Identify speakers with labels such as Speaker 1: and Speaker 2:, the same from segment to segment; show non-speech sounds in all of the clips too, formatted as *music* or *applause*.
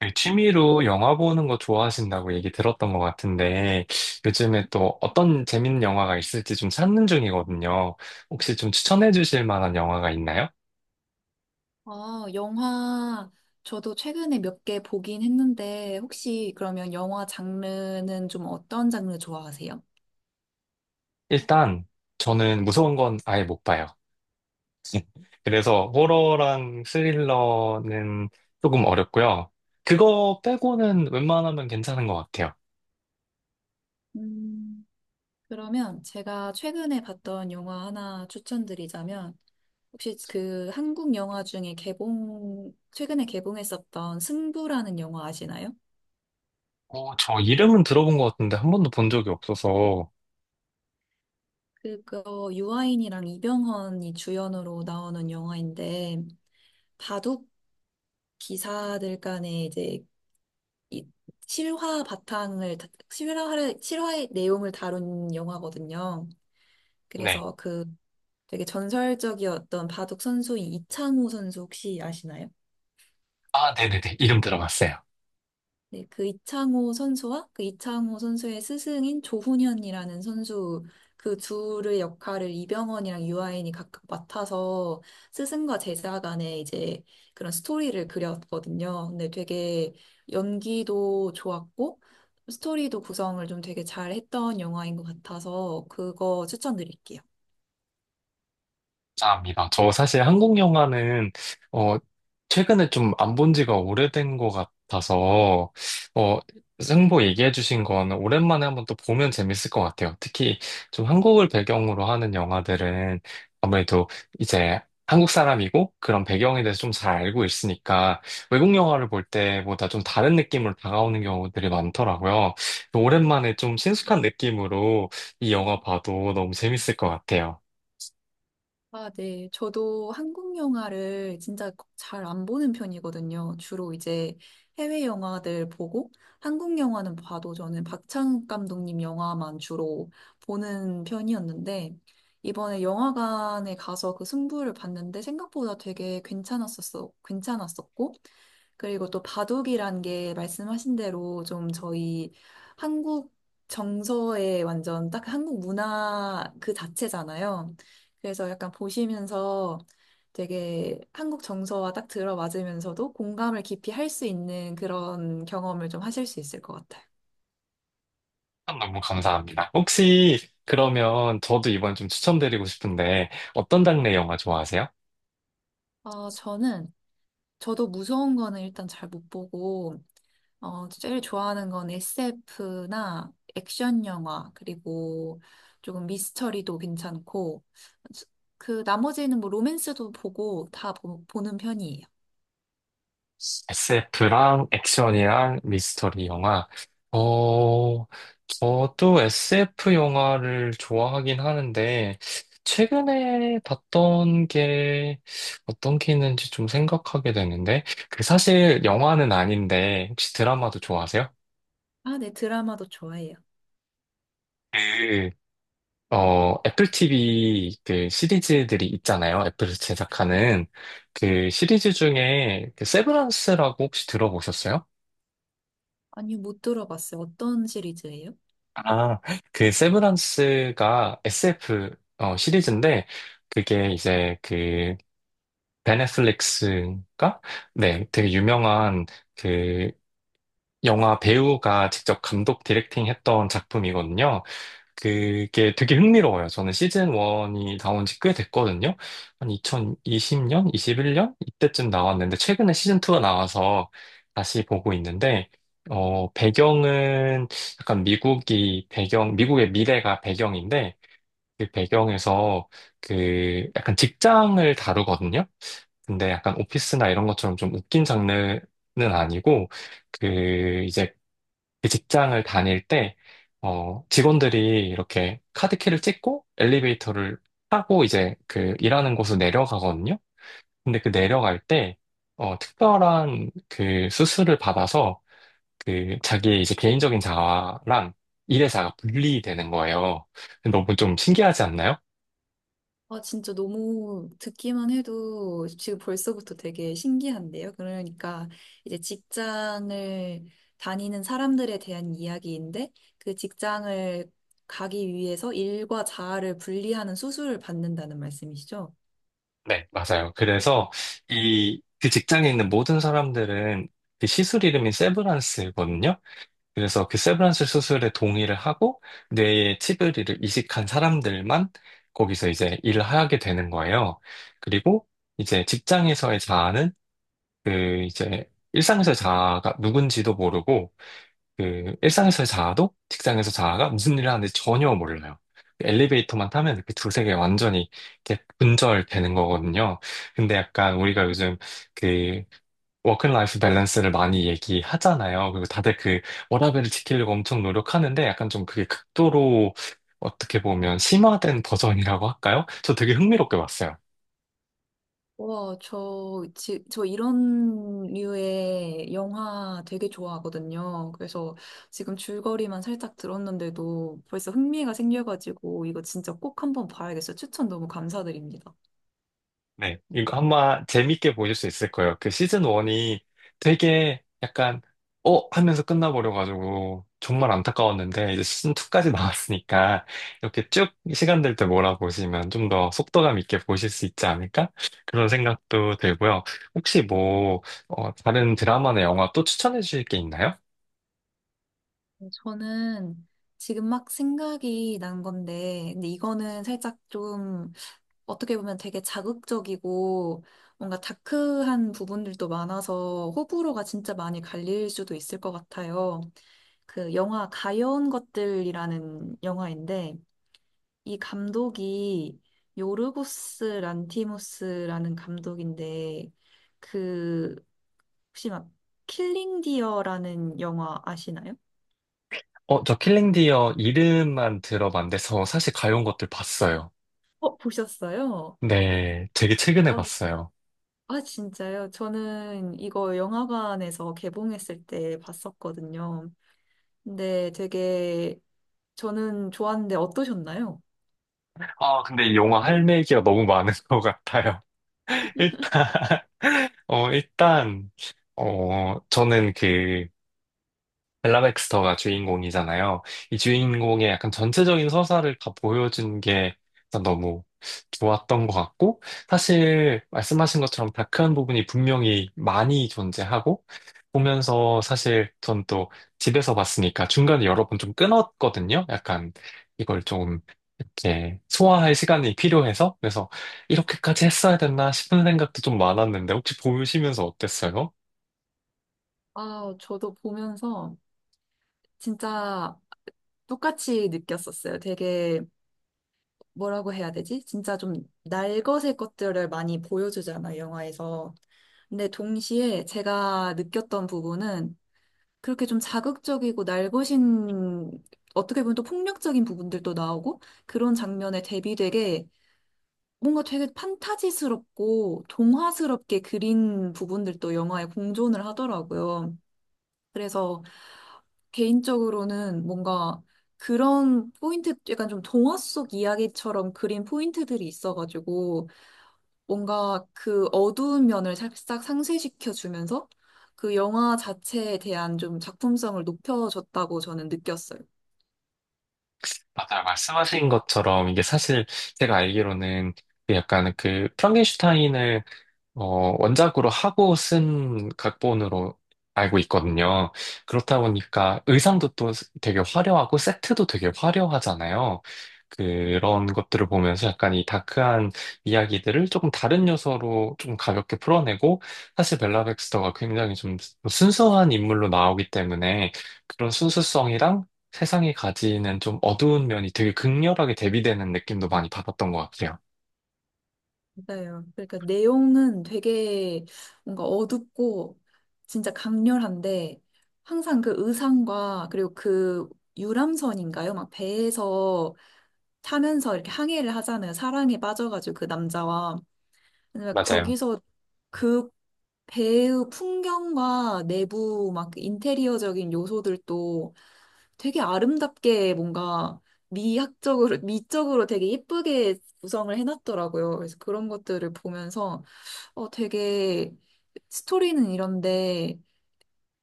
Speaker 1: 그 취미로 영화 보는 거 좋아하신다고 얘기 들었던 것 같은데, 요즘에 또 어떤 재밌는 영화가 있을지 좀 찾는 중이거든요. 혹시 좀 추천해 주실 만한 영화가 있나요?
Speaker 2: 영화, 저도 최근에 몇 개 보긴 했는데, 혹시 그러면 영화 장르는 좀 어떤 장르 좋아하세요?
Speaker 1: 일단, 저는 무서운 건 아예 못 봐요. *laughs* 그래서 호러랑 스릴러는 조금 어렵고요. 그거 빼고는 웬만하면 괜찮은 것 같아요.
Speaker 2: 음, 그러면 제가 최근에 봤던 영화 하나 추천드리자면, 혹시 그 한국 영화 중에 개봉, 최근에 개봉했었던 승부라는 영화 아시나요?
Speaker 1: 저 이름은 들어본 것 같은데 한 번도 본 적이 없어서,
Speaker 2: 그거 유아인이랑 이병헌이 주연으로 나오는 영화인데, 바둑 기사들 간의 이제 이 실화를 실화의 내용을 다룬 영화거든요.
Speaker 1: 네.
Speaker 2: 그래서 그 되게 전설적이었던 바둑 선수인 이창호 선수 혹시 아시나요?
Speaker 1: 아, 네네네. 이름 들어봤어요.
Speaker 2: 네, 그 이창호 선수와 그 이창호 선수의 스승인 조훈현이라는 선수 그 둘의 역할을 이병헌이랑 유아인이 각각 맡아서 스승과 제자 간의 이제 그런 스토리를 그렸거든요. 근데 되게 연기도 좋았고 스토리도 구성을 좀 되게 잘 했던 영화인 것 같아서 그거 추천드릴게요.
Speaker 1: 감사합니다. 저 사실 한국 영화는 어 최근에 좀 안 본 지가 오래된 것 같아서 어 승보 얘기해 주신 건 오랜만에 한번 또 보면 재밌을 것 같아요. 특히 좀 한국을 배경으로 하는 영화들은 아무래도 이제 한국 사람이고 그런 배경에 대해서 좀 잘 알고 있으니까 외국 영화를 볼 때보다 좀 다른 느낌으로 다가오는 경우들이 많더라고요. 오랜만에 좀 친숙한 느낌으로 이 영화 봐도 너무 재밌을 것 같아요.
Speaker 2: 아, 네. 저도 한국 영화를 진짜 잘 안 보는 편이거든요. 주로 이제 해외 영화들 보고 한국 영화는 봐도 저는 박찬욱 감독님 영화만 주로 보는 편이었는데 이번에 영화관에 가서 그 승부를 봤는데 생각보다 되게 괜찮았었어. 괜찮았었고 그리고 또 바둑이란 게 말씀하신 대로 좀 저희 한국 정서에 완전 딱 한국 문화 그 자체잖아요. 그래서 약간 보시면서 되게 한국 정서와 딱 들어맞으면서도 공감을 깊이 할 수 있는 그런 경험을 좀 하실 수 있을 것 같아요.
Speaker 1: 너무 감사합니다. 혹시 그러면 저도 이번에 좀 추천드리고 싶은데 어떤 장르의 영화 좋아하세요?
Speaker 2: 저는, 저도 무서운 거는 일단 잘 못 보고, 제일 좋아하는 건 SF나 액션 영화, 그리고 조금 미스터리도 괜찮고, 그 나머지는 뭐 로맨스도 보고 보는 편이에요.
Speaker 1: SF랑 액션이랑 미스터리 영화. 어, 저도 SF 영화를 좋아하긴 하는데 최근에 봤던 게 어떤 게 있는지 좀 생각하게 되는데 그 사실 영화는 아닌데 혹시 드라마도 좋아하세요?
Speaker 2: 아, 네, 드라마도 좋아해요.
Speaker 1: 그 애플 TV 그 시리즈들이 있잖아요. 애플이 제작하는 그 시리즈 중에 그 세브란스라고 혹시 들어보셨어요?
Speaker 2: 아니요, 못 들어봤어요. 어떤 시리즈예요?
Speaker 1: 아, 그 세브란스가 SF 시리즈인데 그게 이제 그 베네플릭스가 네, 되게 유명한 그 영화 배우가 직접 감독 디렉팅 했던 작품이거든요. 그게 되게 흥미로워요. 저는 시즌 1이 나온 지 꽤 됐거든요. 한 2020년, 21년 이때쯤 나왔는데 최근에 시즌 2가 나와서 다시 보고 있는데 배경은 약간 미국이 배경, 미국의 미래가 배경인데 그 배경에서 그 약간 직장을 다루거든요. 근데 약간 오피스나 이런 것처럼 좀 웃긴 장르는 아니고, 그, 이제 그 직장을 다닐 때, 직원들이 이렇게 카드키를 찍고 엘리베이터를 타고 이제 그 일하는 곳으로 내려가거든요. 근데 그 내려갈 때, 특별한 그 수술을 받아서 그 자기의 이제 개인적인 자아랑 일의 자아가 분리되는 거예요. 너무 좀 신기하지 않나요?
Speaker 2: 아, 진짜 너무 듣기만 해도 지금 벌써부터 되게 신기한데요. 그러니까 이제 직장을 다니는 사람들에 대한 이야기인데 그 직장을 가기 위해서 일과 자아를 분리하는 수술을 받는다는 말씀이시죠?
Speaker 1: 네, 맞아요. 그래서 이 그 직장에 있는 모든 사람들은 그 시술 이름이 세브란스거든요. 그래서 그 세브란스 수술에 동의를 하고 뇌에 치을리를 이식한 사람들만 거기서 이제 일을 하게 되는 거예요. 그리고 이제 직장에서의 자아는 그 이제 일상에서의 자아가 누군지도 모르고 그 일상에서의 자아도 직장에서 자아가 무슨 일을 하는지 전혀 몰라요. 그 엘리베이터만 타면 이렇게 두세 개 완전히 이렇게 분절되는 거거든요. 근데 약간 우리가 요즘 그 워크라이프 밸런스를 많이 얘기하잖아요. 그리고 다들 그 워라밸을 지키려고 엄청 노력하는데 약간 좀 그게 극도로 어떻게 보면 심화된 버전이라고 할까요? 저 되게 흥미롭게 봤어요.
Speaker 2: 와, 저 이런 류의 영화 되게 좋아하거든요. 그래서 지금 줄거리만 살짝 들었는데도 벌써 흥미가 생겨가지고 이거 진짜 꼭 한번 봐야겠어요. 추천 너무 감사드립니다.
Speaker 1: 네, 이거 아마 재밌게 보실 수 있을 거예요. 그 시즌 1이 되게 약간, 어? 하면서 끝나버려가지고, 정말 안타까웠는데, 이제 시즌 2까지 *laughs* 나왔으니까, 이렇게 쭉 시간 될 때 몰아보시면 좀 더 속도감 있게 보실 수 있지 않을까? 그런 생각도 들고요. 혹시 뭐, 다른 드라마나 영화 또 추천해 주실 게 있나요?
Speaker 2: 저는 지금 막 생각이 난 건데, 근데 이거는 살짝 좀 어떻게 보면 되게 자극적이고 뭔가 다크한 부분들도 많아서 호불호가 진짜 많이 갈릴 수도 있을 것 같아요. 그 영화 가여운 것들이라는 영화인데, 이 감독이 요르고스 란티모스라는 감독인데, 그 혹시 막 킬링 디어라는 영화 아시나요?
Speaker 1: 저 킬링 디어 이름만 들어봤는데, 저 사실 가요 온 것들 봤어요.
Speaker 2: 어, 보셨어요?
Speaker 1: 네, 되게 최근에 봤어요.
Speaker 2: 아, 진짜요? 저는 이거 영화관에서 개봉했을 때 봤었거든요. 근데 되게 저는 좋았는데 어떠셨나요?
Speaker 1: 아, 근데 이 영화 할 얘기가 너무 많은 *laughs* 것 같아요. *laughs* 일단, 어, 일단, 저는 그, 벨라 백스터가 주인공이잖아요. 이 주인공의 약간 전체적인 서사를 다 보여준 게 일단 너무 좋았던 것 같고, 사실 말씀하신 것처럼 다크한 부분이 분명히 많이 존재하고, 보면서 사실 전 또 집에서 봤으니까 중간에 여러 번 좀 끊었거든요. 약간 이걸 좀 이렇게 소화할 시간이 필요해서. 그래서 이렇게까지 했어야 됐나 싶은 생각도 좀 많았는데, 혹시 보시면서 어땠어요?
Speaker 2: 아, 저도 보면서 진짜 똑같이 느꼈었어요. 되게 뭐라고 해야 되지? 진짜 좀 날것의 것들을 많이 보여주잖아요, 영화에서. 근데 동시에 제가 느꼈던 부분은 그렇게 좀 자극적이고 날것인 어떻게 보면 또 폭력적인 부분들도 나오고 그런 장면에 대비되게 뭔가 되게 판타지스럽고 동화스럽게 그린 부분들도 영화에 공존을 하더라고요. 그래서 개인적으로는 뭔가 그런 포인트, 약간 좀 동화 속 이야기처럼 그린 포인트들이 있어가지고 뭔가 그 어두운 면을 살짝 상쇄시켜주면서 그 영화 자체에 대한 좀 작품성을 높여줬다고 저는 느꼈어요.
Speaker 1: 맞아요. 말씀하신 것처럼 이게 사실 제가 알기로는 그 약간 그 프랑켄슈타인을 원작으로 하고 쓴 각본으로 알고 있거든요. 그렇다 보니까 의상도 또 되게 화려하고 세트도 되게 화려하잖아요. 그런 것들을 보면서 약간 이 다크한 이야기들을 조금 다른 요소로 좀 가볍게 풀어내고 사실 벨라 백스터가 굉장히 좀 순수한 인물로 나오기 때문에 그런 순수성이랑 세상이 가지는 좀 어두운 면이 되게 극렬하게 대비되는 느낌도 많이 받았던 것 같아요.
Speaker 2: 맞아요. 그러니까 내용은 되게 뭔가 어둡고 진짜 강렬한데 항상 그 의상과 그리고 그 유람선인가요? 막 배에서 타면서 이렇게 항해를 하잖아요. 사랑에 빠져가지고 그 남자와. 왜냐면
Speaker 1: 맞아요.
Speaker 2: 거기서 그 배의 풍경과 내부 막 인테리어적인 요소들도 되게 아름답게 뭔가 미학적으로, 미적으로 되게 예쁘게 구성을 해놨더라고요. 그래서 그런 것들을 보면서 되게 스토리는 이런데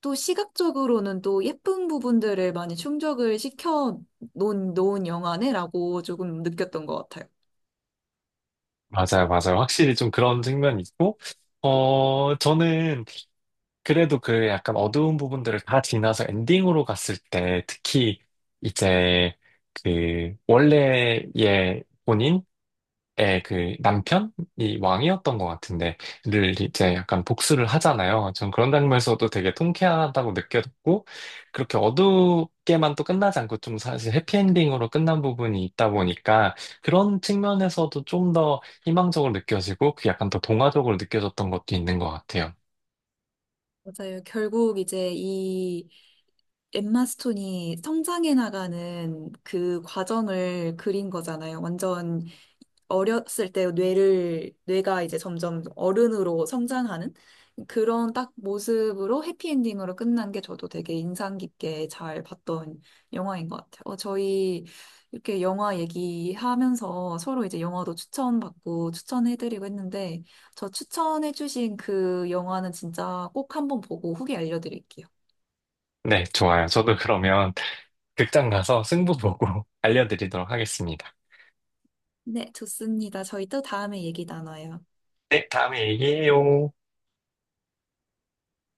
Speaker 2: 또 시각적으로는 또 예쁜 부분들을 많이 충족을 시켜 놓은 영화네라고 조금 느꼈던 것 같아요.
Speaker 1: 맞아요, 맞아요. 확실히 좀 그런 측면이 있고, 저는 그래도 그 약간 어두운 부분들을 다 지나서 엔딩으로 갔을 때, 특히 이제 그 원래의 본인? 에, 그 남편이 왕이었던 것 같은데, 를 이제 약간 복수를 하잖아요. 전 그런 장면에서도 되게 통쾌하다고 느꼈고, 그렇게 어둡게만 또 끝나지 않고 좀 사실 해피엔딩으로 끝난 부분이 있다 보니까, 그런 측면에서도 좀 더 희망적으로 느껴지고, 그 약간 더 동화적으로 느껴졌던 것도 있는 것 같아요.
Speaker 2: 맞아요. 결국 이제 이 엠마 스톤이 성장해 나가는 그 과정을 그린 거잖아요. 완전 어렸을 때 뇌가 이제 점점 어른으로 성장하는 그런 딱 모습으로 해피엔딩으로 끝난 게 저도 되게 인상 깊게 잘 봤던 영화인 것 같아요. 어, 저희 이렇게 영화 얘기하면서 서로 이제 영화도 추천받고 추천해드리고 했는데 저 추천해주신 그 영화는 진짜 꼭 한번 보고 후기 알려드릴게요.
Speaker 1: 네, 좋아요. 저도 그러면 *laughs* 극장 가서 승부 보고 *laughs* 알려드리도록 하겠습니다.
Speaker 2: 네, 좋습니다. 저희 또 다음에 얘기 나눠요.
Speaker 1: 네, 다음에 얘기해요.